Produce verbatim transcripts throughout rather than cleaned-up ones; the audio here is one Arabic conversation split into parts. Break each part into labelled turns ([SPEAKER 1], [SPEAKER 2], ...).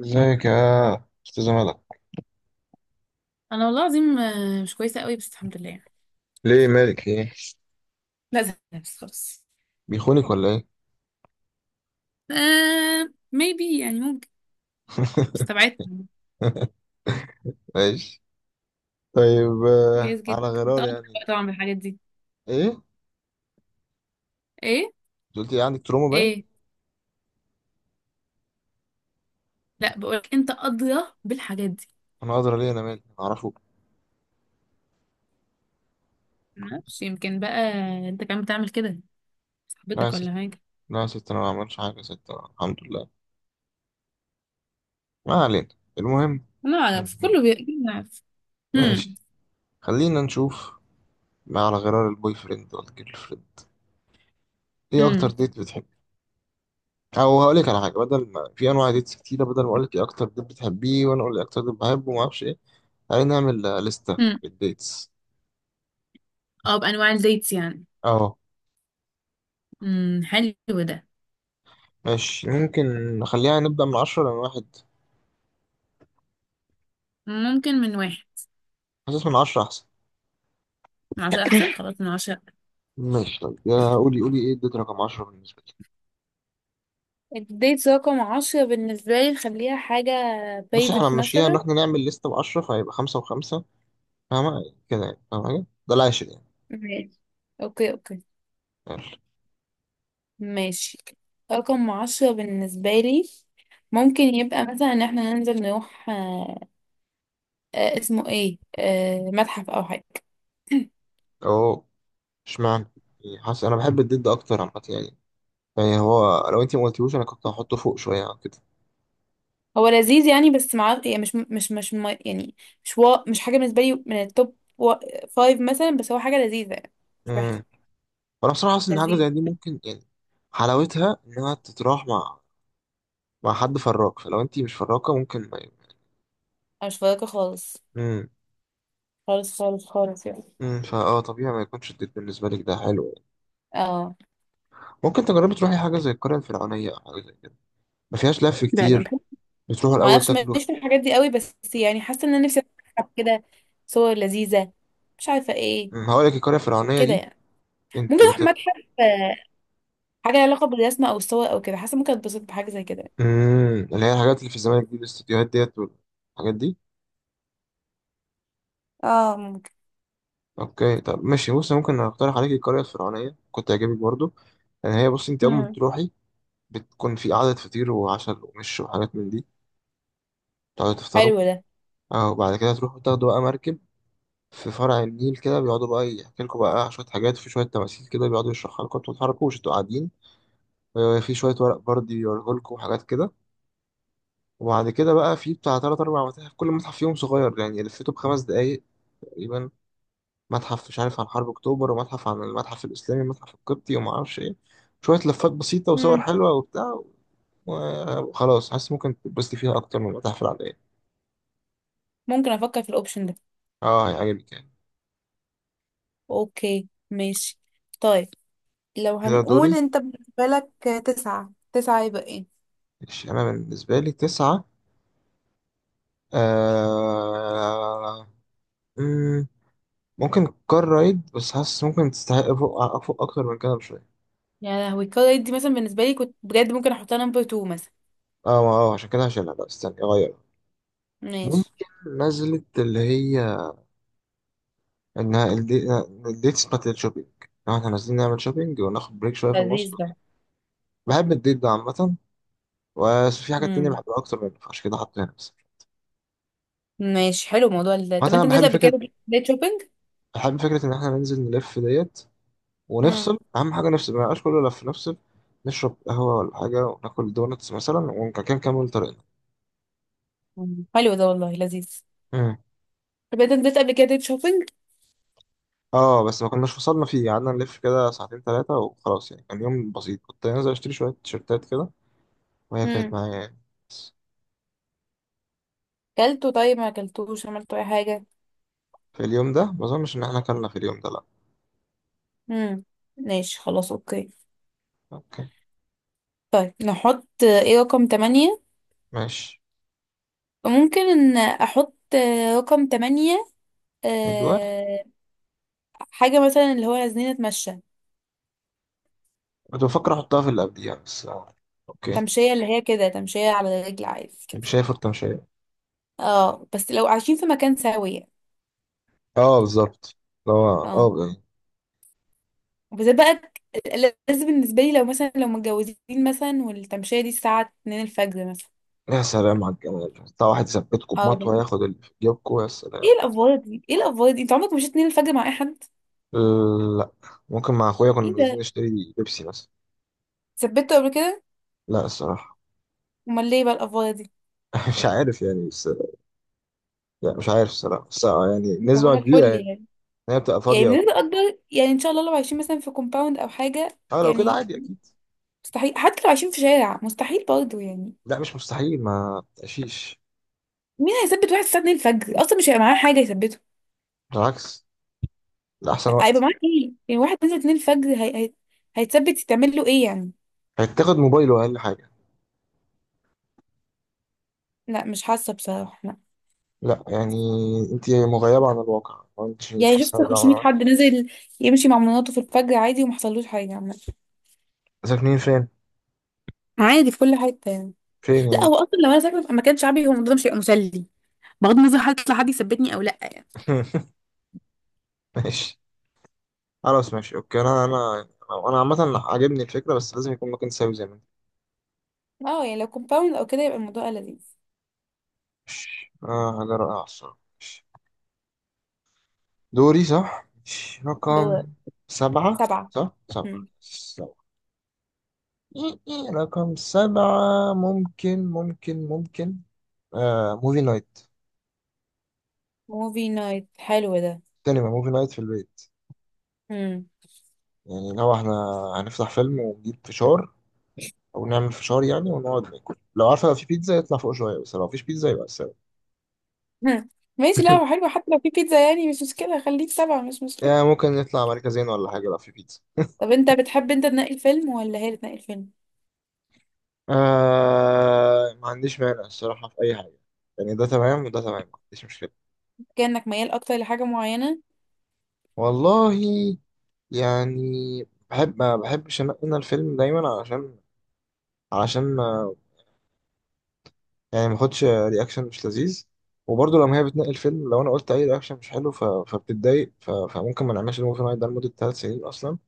[SPEAKER 1] ازيك يا استاذ ملك؟
[SPEAKER 2] انا والله العظيم آه، مش كويسه قوي بس الحمد لله يعني.
[SPEAKER 1] ليه؟ مالك ايه؟
[SPEAKER 2] لا زهقت بس خلاص.
[SPEAKER 1] بيخونك ولا ايه؟
[SPEAKER 2] آه، maybe يعني ممكن. استبعدت.
[SPEAKER 1] ماشي. طيب آه،
[SPEAKER 2] جايز جدا.
[SPEAKER 1] على
[SPEAKER 2] انت
[SPEAKER 1] غرار
[SPEAKER 2] قاضية
[SPEAKER 1] يعني.
[SPEAKER 2] بقى طبعا بالحاجات دي.
[SPEAKER 1] ايه انت؟
[SPEAKER 2] ايه.
[SPEAKER 1] قلت لي عندك تروما باين.
[SPEAKER 2] ايه. لا بقولك انت قاضية بالحاجات دي.
[SPEAKER 1] انا ادرى؟ ليه؟ انا مالي؟ أنا اعرفه.
[SPEAKER 2] معرفش يمكن بقى. انت كمان بتعمل كده؟
[SPEAKER 1] لا يا
[SPEAKER 2] صاحبتك
[SPEAKER 1] ست.
[SPEAKER 2] ولا حاجة؟
[SPEAKER 1] لا يا ست، انا ما بعملش حاجه يا ست. أنا الحمد لله. ما علينا. المهم
[SPEAKER 2] لا انا في
[SPEAKER 1] المهم.
[SPEAKER 2] كله بي- بيعرف. امم.
[SPEAKER 1] ماشي. خلينا نشوف، ما على غرار البوي فريند والجيرل فريند، ايه اكتر
[SPEAKER 2] امم.
[SPEAKER 1] ديت بتحب؟ او هقول لك على حاجه، بدل ما في انواع ديتس كتيره، بدل ما اقول لك ايه اكتر ديت بتحبيه وانا اقول لك إيه اكتر ديت بحبه وما اعرفش ايه. تعالي نعمل آه، لستة
[SPEAKER 2] امم.
[SPEAKER 1] بالديتس.
[SPEAKER 2] اه، بانواع الديتس يعني.
[SPEAKER 1] اه
[SPEAKER 2] امم، حلو ده.
[SPEAKER 1] ماشي ممكن. نخليها نبدأ من عشرة لأن واحد.
[SPEAKER 2] ممكن من واحد.
[SPEAKER 1] حاسس من عشرة أحسن.
[SPEAKER 2] من عشرة احسن، خلاص من عشرة.
[SPEAKER 1] ماشي طيب، يا قولي قولي، إيه اديت رقم عشرة بالنسبة لي؟
[SPEAKER 2] الديت رقم عشرة بالنسبة لي نخليها حاجة
[SPEAKER 1] بس إحنا
[SPEAKER 2] بيزك
[SPEAKER 1] هنمشيها إن
[SPEAKER 2] مثلا.
[SPEAKER 1] إحنا نعمل لستة بعشرة فهيبقى خمسة وخمسة. فاهمة كده يعني؟ فاهمة حاجة؟ ده العاشر يعني.
[SPEAKER 2] ماشي. اوكي، اوكي.
[SPEAKER 1] ماشي.
[SPEAKER 2] ماشي. رقم عشرة بالنسبة لي ممكن يبقى مثلا ان احنا ننزل نروح آه آه اسمه ايه، آه متحف او حاجة.
[SPEAKER 1] أهو، إشمعنى؟ يعني حاسس أنا بحب الضد أكتر عامة يعني. يعني هو لو أنت ما قلتيهوش أنا كنت هحطه فوق شوية عن كده.
[SPEAKER 2] هو لذيذ يعني، بس مع يعني مش مش مش م- يعني. مش وا... مش حاجة بالنسبة لي من التوب وا- فايف مثلا، بس هو حاجة لذيذة يعني. مش وحشة.
[SPEAKER 1] أمم. وأنا بصراحة حاسس إن حاجة
[SPEAKER 2] لذيذ.
[SPEAKER 1] زي دي ممكن يعني. حلاوتها إنها تتراح مع مع حد فراك، فلو أنت مش فراكة ممكن ما.
[SPEAKER 2] أنا مش فارقة خالص.
[SPEAKER 1] مم.
[SPEAKER 2] خالص خالص خالص يعني.
[SPEAKER 1] امم فاه طبيعي ما يكونش الديت بالنسبه لك ده حلو يعني.
[SPEAKER 2] اه.
[SPEAKER 1] ممكن تجربي تروحي حاجه زي القريه الفرعونيه او حاجه زي كده، ما فيهاش لف
[SPEAKER 2] لا، لا.
[SPEAKER 1] كتير. بتروحوا
[SPEAKER 2] ما
[SPEAKER 1] الاول
[SPEAKER 2] اعرفش
[SPEAKER 1] تاكلوا في.
[SPEAKER 2] ماليش في الحاجات دي قوي، بس يعني حاسه ان انا نفسي اروح متحف كده. صور لذيذه، مش عارفه ايه.
[SPEAKER 1] أمم، هقول لك القريه الفرعونيه
[SPEAKER 2] كده
[SPEAKER 1] دي.
[SPEAKER 2] يعني. ممكن
[SPEAKER 1] انتوا
[SPEAKER 2] اروح
[SPEAKER 1] بت.
[SPEAKER 2] متحف آه، حاجه لها علاقه بالرسم او الصور او كده، حاسه ممكن اتبسط بحاجه زي كده.
[SPEAKER 1] امم اللي هي الحاجات اللي في الزمالك دي، الاستوديوهات ديت والحاجات دي.
[SPEAKER 2] اه، ممكن.
[SPEAKER 1] اوكي طب ماشي بص، ممكن اقترح عليك القريه الفرعونيه، كنت هيعجبك برضو. لان هي بص انت اول ما
[SPEAKER 2] امم،
[SPEAKER 1] بتروحي بتكون في قعده فطير وعشاء ومش وحاجات من دي. تقعدوا تفطروا،
[SPEAKER 2] حلو ده.
[SPEAKER 1] اه. وبعد كده تروحوا تاخدوا بقى مركب في فرع النيل كده، بيقعدوا بقى يحكي لكم بقى شوية حاجات، وفي شوية تماثيل كده بيقعدوا يشرحها لكم، انتوا ما تتحركوش، انتوا قاعدين. آه، في شوية ورق بردي يوريه لكم وحاجات كده. وبعد كده بقى في بتاع تلات أربع متاحف، كل متحف فيهم صغير يعني لفيته بخمس دقايق تقريبا. متحف مش عارف عن حرب أكتوبر، ومتحف عن المتحف الإسلامي، ومتحف القبطي، وما أعرفش إيه. شوية لفات بسيطة وصور
[SPEAKER 2] امم،
[SPEAKER 1] حلوة وبتاع. وخلاص حاسس ممكن تتبسطي فيها أكتر من المتاحف العادية.
[SPEAKER 2] ممكن افكر في الاوبشن ده.
[SPEAKER 1] اه هيعجبك يعني.
[SPEAKER 2] اوكي، ماشي. طيب، لو
[SPEAKER 1] كده
[SPEAKER 2] هنقول
[SPEAKER 1] دوري.
[SPEAKER 2] انت بالنسبة لك تسعة تسعة يبقى ايه؟
[SPEAKER 1] ماشي. أنا بالنسبة لي تسعة. آه مم، ممكن كار رايد، بس حاسس ممكن تستحق فوق أفوق أكتر من كده بشوية.
[SPEAKER 2] يا لهوي، القراية دي مثلا بالنسبه لي كنت بجد ممكن احطها نمبر اتنين مثلا.
[SPEAKER 1] اه ما- اه عشان كده هشيلها، لا استنى أغيرها.
[SPEAKER 2] ماشي.
[SPEAKER 1] ممكن. نزلت اللي هي، إنها الدي- الديتس بتاعت الشوبينج، لو احنا نازلين نعمل شوبينج وناخد بريك شوية في النص.
[SPEAKER 2] لذيذ ده.
[SPEAKER 1] بحب الديت ده عامة، بس في حاجات تانية
[SPEAKER 2] مم.
[SPEAKER 1] بحبها أكتر منه فعشان كده حاطه هنا بس.
[SPEAKER 2] ماشي، حلو. موضوع ال... طب
[SPEAKER 1] مثلا
[SPEAKER 2] انت
[SPEAKER 1] أنا
[SPEAKER 2] نزلت
[SPEAKER 1] بحب
[SPEAKER 2] قبل
[SPEAKER 1] فكرة،
[SPEAKER 2] كده ديت شوبينج؟
[SPEAKER 1] بحب فكرة إن احنا ننزل نلف ديت،
[SPEAKER 2] امم.
[SPEAKER 1] ونفصل، أهم حاجة نفصل، ما يبقاش كله لف، نفصل، نشرب قهوة ولا حاجة وناكل دونتس مثلا ونكمل طريقنا.
[SPEAKER 2] حلو ده والله، لذيذ.
[SPEAKER 1] مم.
[SPEAKER 2] طب انت نزلت قبل كده ديت شوبينج؟
[SPEAKER 1] اه بس ما كناش وصلنا فيه، قعدنا نلف كده ساعتين ثلاثة وخلاص يعني، كان يوم بسيط، كنت نازل اشتري شوية تيشيرتات كده، وهي كانت
[SPEAKER 2] امم.
[SPEAKER 1] معايا يعني. بس.
[SPEAKER 2] كلته؟ طيب، ما كلتوش؟ عملت اي حاجه؟
[SPEAKER 1] في اليوم ده ما اظنش ان احنا اكلنا في اليوم ده، لا.
[SPEAKER 2] امم. ماشي، خلاص، اوكي.
[SPEAKER 1] اوكي.
[SPEAKER 2] طيب، نحط ايه رقم تمانية؟
[SPEAKER 1] ماشي.
[SPEAKER 2] ممكن ان احط آه، رقم تمانية.
[SPEAKER 1] ايوه.
[SPEAKER 2] أه... حاجه مثلا اللي هو نازلين نتمشى.
[SPEAKER 1] كنت بفكر احطها في اللي قبليها بس آه، اوكي.
[SPEAKER 2] تمشيه اللي هي كده، تمشيه على رجل عادي كده.
[SPEAKER 1] مش هي فرقة، مش هي.
[SPEAKER 2] اه، بس لو عايشين في مكان سوي يعني.
[SPEAKER 1] اه بالظبط، اللي هو
[SPEAKER 2] اه،
[SPEAKER 1] اه يعني.
[SPEAKER 2] وبالذات بقى لازم بالنسبة لي، لو مثلا لو متجوزين مثلا، والتمشية دي الساعة اتنين الفجر مثلا.
[SPEAKER 1] يا سلام على الجمال، بتاع واحد يثبتكم
[SPEAKER 2] اه
[SPEAKER 1] بمطوة
[SPEAKER 2] بن-
[SPEAKER 1] ياخد اللي في جيبكم، يا
[SPEAKER 2] ايه
[SPEAKER 1] سلام مطوة.
[SPEAKER 2] الأفوارة دي؟ ايه الأفوارة دي؟ انت عمرك ما مشيت اتنين الفجر مع اي حد؟
[SPEAKER 1] لا. ممكن مع اخويا كنا
[SPEAKER 2] ايه
[SPEAKER 1] نازلين
[SPEAKER 2] ده؟
[SPEAKER 1] نشتري بيبسي مثلا.
[SPEAKER 2] ثبتوا قبل كده؟
[SPEAKER 1] لا الصراحة.
[SPEAKER 2] امال ليه بقى الأفوارة دي؟
[SPEAKER 1] مش عارف يعني بس. يعني مش عارف الصراحة بس آه، يعني
[SPEAKER 2] صباح
[SPEAKER 1] نسبة كبيرة
[SPEAKER 2] الفل
[SPEAKER 1] يعني
[SPEAKER 2] يعني.
[SPEAKER 1] إن هي بتبقى
[SPEAKER 2] يعني
[SPEAKER 1] فاضية وبتاع.
[SPEAKER 2] بنسبة أكبر يعني، ان شاء الله لو عايشين مثلا في كومباوند أو حاجة
[SPEAKER 1] اه لو كده
[SPEAKER 2] يعني.
[SPEAKER 1] عادي أكيد.
[SPEAKER 2] مستحيل، حتى لو عايشين في شارع مستحيل برضه يعني.
[SPEAKER 1] لا مش مستحيل، ما تقشيش.
[SPEAKER 2] مين هيثبت واحد الساعة اتنين الفجر؟ أصلا مش هيبقى معاه حاجة يثبته.
[SPEAKER 1] بالعكس، ده أحسن
[SPEAKER 2] هيبقى
[SPEAKER 1] وقت.
[SPEAKER 2] معاه ايه؟ يعني واحد نزل اتنين الفجر هي... هي... هيتثبت، يتعمل له ايه يعني؟
[SPEAKER 1] هتاخد موبايله أقل حاجة.
[SPEAKER 2] لا، مش حاسة بصراحة.
[SPEAKER 1] لا يعني، أنت مغيبة عن الواقع، ما أنتش مش
[SPEAKER 2] يعني شفت
[SPEAKER 1] حاسة ده ولا
[SPEAKER 2] خمسمية
[SPEAKER 1] واحد.
[SPEAKER 2] حد نزل يمشي مع مناطه في الفجر عادي وما حصلوش حاجه عامه.
[SPEAKER 1] ساكنين فين؟
[SPEAKER 2] عادي في كل حته يعني.
[SPEAKER 1] فين
[SPEAKER 2] لا،
[SPEAKER 1] يعني؟
[SPEAKER 2] هو اصلا لو انا ساكنه في مكان شعبي، هو الموضوع ده مش هيبقى مسلي، بغض النظر هل هيطلع حد يثبتني او لا يعني.
[SPEAKER 1] ماشي. خلاص ماشي أوكي. أنا أنا أنا عامة عاجبني الفكرة بس لازم يكون مكان ساوي زي ما أنت.
[SPEAKER 2] اه، يعني لو كومباوند او كده يبقى الموضوع لذيذ.
[SPEAKER 1] ماشي آه، حاجة رائعة الصراحة. ماشي. دوري صح؟ ماشي. رقم
[SPEAKER 2] دول.
[SPEAKER 1] سبعة
[SPEAKER 2] سبعه.
[SPEAKER 1] صح؟ سبعة. رقم سبعة. ممكن ممكن ممكن آه موفي نايت.
[SPEAKER 2] موفي نايت، حلو ده.
[SPEAKER 1] سينما موفي نايت في البيت.
[SPEAKER 2] مم.
[SPEAKER 1] يعني لو احنا هنفتح فيلم ونجيب فشار او نعمل فشار يعني، ونقعد ناكل، لو عارفة لو في بيتزا يطلع فوق شوية، بس لو مفيش بيتزا يبقى السبب
[SPEAKER 2] مم. ماشي. لا، هو حلو، حتى لو في بيتزا يعني مش مشكله، خليك سبعه، مش
[SPEAKER 1] يعني
[SPEAKER 2] مشكله.
[SPEAKER 1] ممكن نطلع مركزين ولا حاجة لو في بيتزا.
[SPEAKER 2] طب انت بتحب انت تنقي الفيلم ولا هي اللي تنقي الفيلم؟
[SPEAKER 1] آه ما عنديش مانع الصراحة في أي حاجة، يعني ده تمام وده تمام، ما عنديش مشكلة.
[SPEAKER 2] كانك ميال اكتر لحاجه معينه.
[SPEAKER 1] والله يعني بحب، ما بحبش أنقي أنا الفيلم دايما علشان علشان يعني ما اخدش رياكشن مش لذيذ. وبرضه لما هي بتنقي الفيلم لو انا قلت اي رياكشن مش حلو، ف... فبتتضايق، ف... فممكن ما نعملش الموفي نايت ده لمده ثلاث سنين اصلا.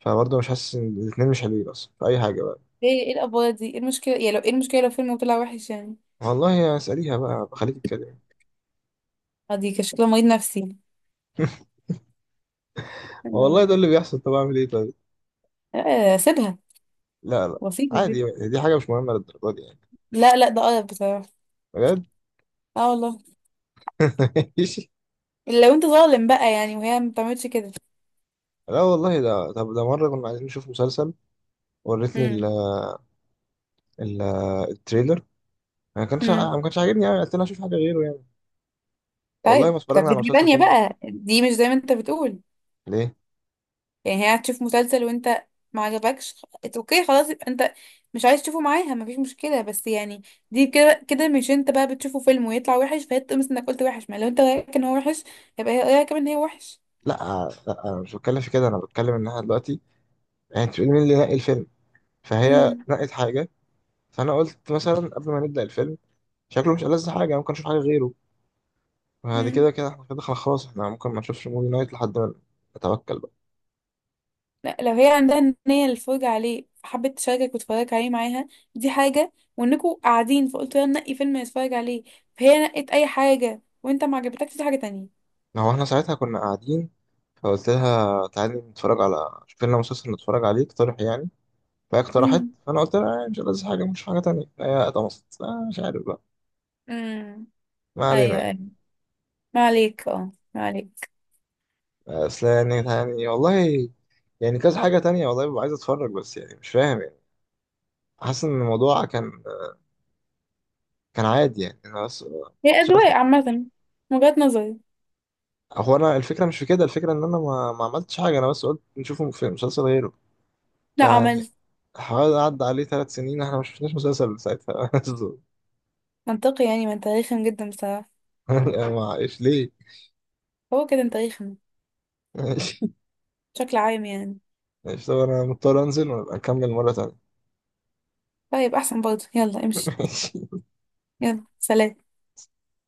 [SPEAKER 1] فبرضه مش حاسس ان الاثنين مش حلوين اصلا في اي حاجه بقى.
[SPEAKER 2] ايه ايه الافوار دي؟ ايه المشكله يعني لو، ايه المشكله لو فيلم طلع وحش يعني؟
[SPEAKER 1] والله اساليها بقى بخليك تتكلم.
[SPEAKER 2] دي كان شكلها مريض نفسي.
[SPEAKER 1] والله
[SPEAKER 2] آه.
[SPEAKER 1] ده اللي بيحصل، طب اعمل ايه طيب؟
[SPEAKER 2] آه، سيبها
[SPEAKER 1] لا لا،
[SPEAKER 2] واسيب البيت.
[SPEAKER 1] عادي، دي حاجه مش مهمه للدرجه دي يعني،
[SPEAKER 2] لا، لا، ده قرف بصراحة.
[SPEAKER 1] بجد.
[SPEAKER 2] اه والله.
[SPEAKER 1] ماشي.
[SPEAKER 2] إلا لو انت ظالم بقى يعني، وهي ما بتعملش كده.
[SPEAKER 1] لا والله ده. طب ده مره كنا عايزين نشوف مسلسل، وريتني ال...
[SPEAKER 2] امم.
[SPEAKER 1] ال... التريلر، ما كانش
[SPEAKER 2] امم.
[SPEAKER 1] ما كانش عاجبني قوي، قلت لها اشوف حاجه غيره يعني. والله ما
[SPEAKER 2] طيب، طب
[SPEAKER 1] اتفرجنا
[SPEAKER 2] دي
[SPEAKER 1] على
[SPEAKER 2] حاجة
[SPEAKER 1] مسلسل
[SPEAKER 2] تانية
[SPEAKER 1] تاني.
[SPEAKER 2] بقى، دي مش زي ما انت بتقول.
[SPEAKER 1] ليه؟
[SPEAKER 2] يعني هي هتشوف مسلسل وانت ما عجبكش خ- اوكي خلاص، يبقى انت مش عايز تشوفه معاها، مفيش مشكلة. بس يعني دي كده كده، مش انت بقى بتشوفه فيلم ويطلع وحش فهي تقمص انك قلت وحش؟ ما لو انت رايك ان هو وحش يبقى هي رايك كمان ان هي وحش.
[SPEAKER 1] لا لا، انا مش بتكلم في كده، انا بتكلم ان احنا دلوقتي، يعني انت بتقول مين اللي نقي الفيلم، فهي نقت حاجه، فانا قلت مثلا قبل ما نبدا الفيلم شكله مش ألذ حاجه، ممكن نشوف حاجه غيره. بعد
[SPEAKER 2] امم.
[SPEAKER 1] كده كده احنا كده خلاص احنا ممكن ما نشوفش موفي نايت لحد ما نتوكل بقى.
[SPEAKER 2] لا، لو هي عندها النية للفرجة عليه، حبت تشاركك وتتفرج عليه معاها، دي حاجة. وانكوا قاعدين فقلت لها نقي فيلم نتفرج عليه، فهي نقت اي حاجة وانت ما عجبتكش، دي حاجة تانية.
[SPEAKER 1] ما هو احنا ساعتها كنا قاعدين، فقلت لها تعالي نتفرج على، شوف لنا مسلسل نتفرج عليه، اقترح يعني، فهي اقترحت،
[SPEAKER 2] امم.
[SPEAKER 1] فانا قلت لها آه، مش ألذ حاجه، مش حاجه تانية، فهي اتمصت آه، مش عارف بقى.
[SPEAKER 2] امم.
[SPEAKER 1] ما علينا
[SPEAKER 2] ايوه،
[SPEAKER 1] يعني.
[SPEAKER 2] ايوه. ما عليك، اه، ما عليك.
[SPEAKER 1] اصل يعني يعني والله، يعني كذا حاجة تانية والله ببقى عايز اتفرج بس، يعني مش فاهم يعني. حاسس ان الموضوع كان كان عادي يعني، انا بس
[SPEAKER 2] هي
[SPEAKER 1] مش عارف.
[SPEAKER 2] اذواق عامة من وجهة نظري.
[SPEAKER 1] هو انا الفكرة مش في كده، الفكرة ان انا ما, ما عملتش حاجة، انا بس قلت نشوفه في مسلسل غيره
[SPEAKER 2] لا،
[SPEAKER 1] فيعني،
[SPEAKER 2] عملت.
[SPEAKER 1] حوالي عدى عليه ثلاث سنين احنا ما شفناش مسلسل ساعتها
[SPEAKER 2] منطقي يعني، ما انت رخم جدا بصراحة.
[SPEAKER 1] يعني ما ايش ليه.
[SPEAKER 2] هو كده انت رخم
[SPEAKER 1] ماشي.
[SPEAKER 2] بشكل عام يعني.
[SPEAKER 1] ماشي طب انا مضطر انزل وابقى اكمل مرة تانية.
[SPEAKER 2] طيب، احسن برضه، يلا امشي.
[SPEAKER 1] ماشي
[SPEAKER 2] يلا، سلام.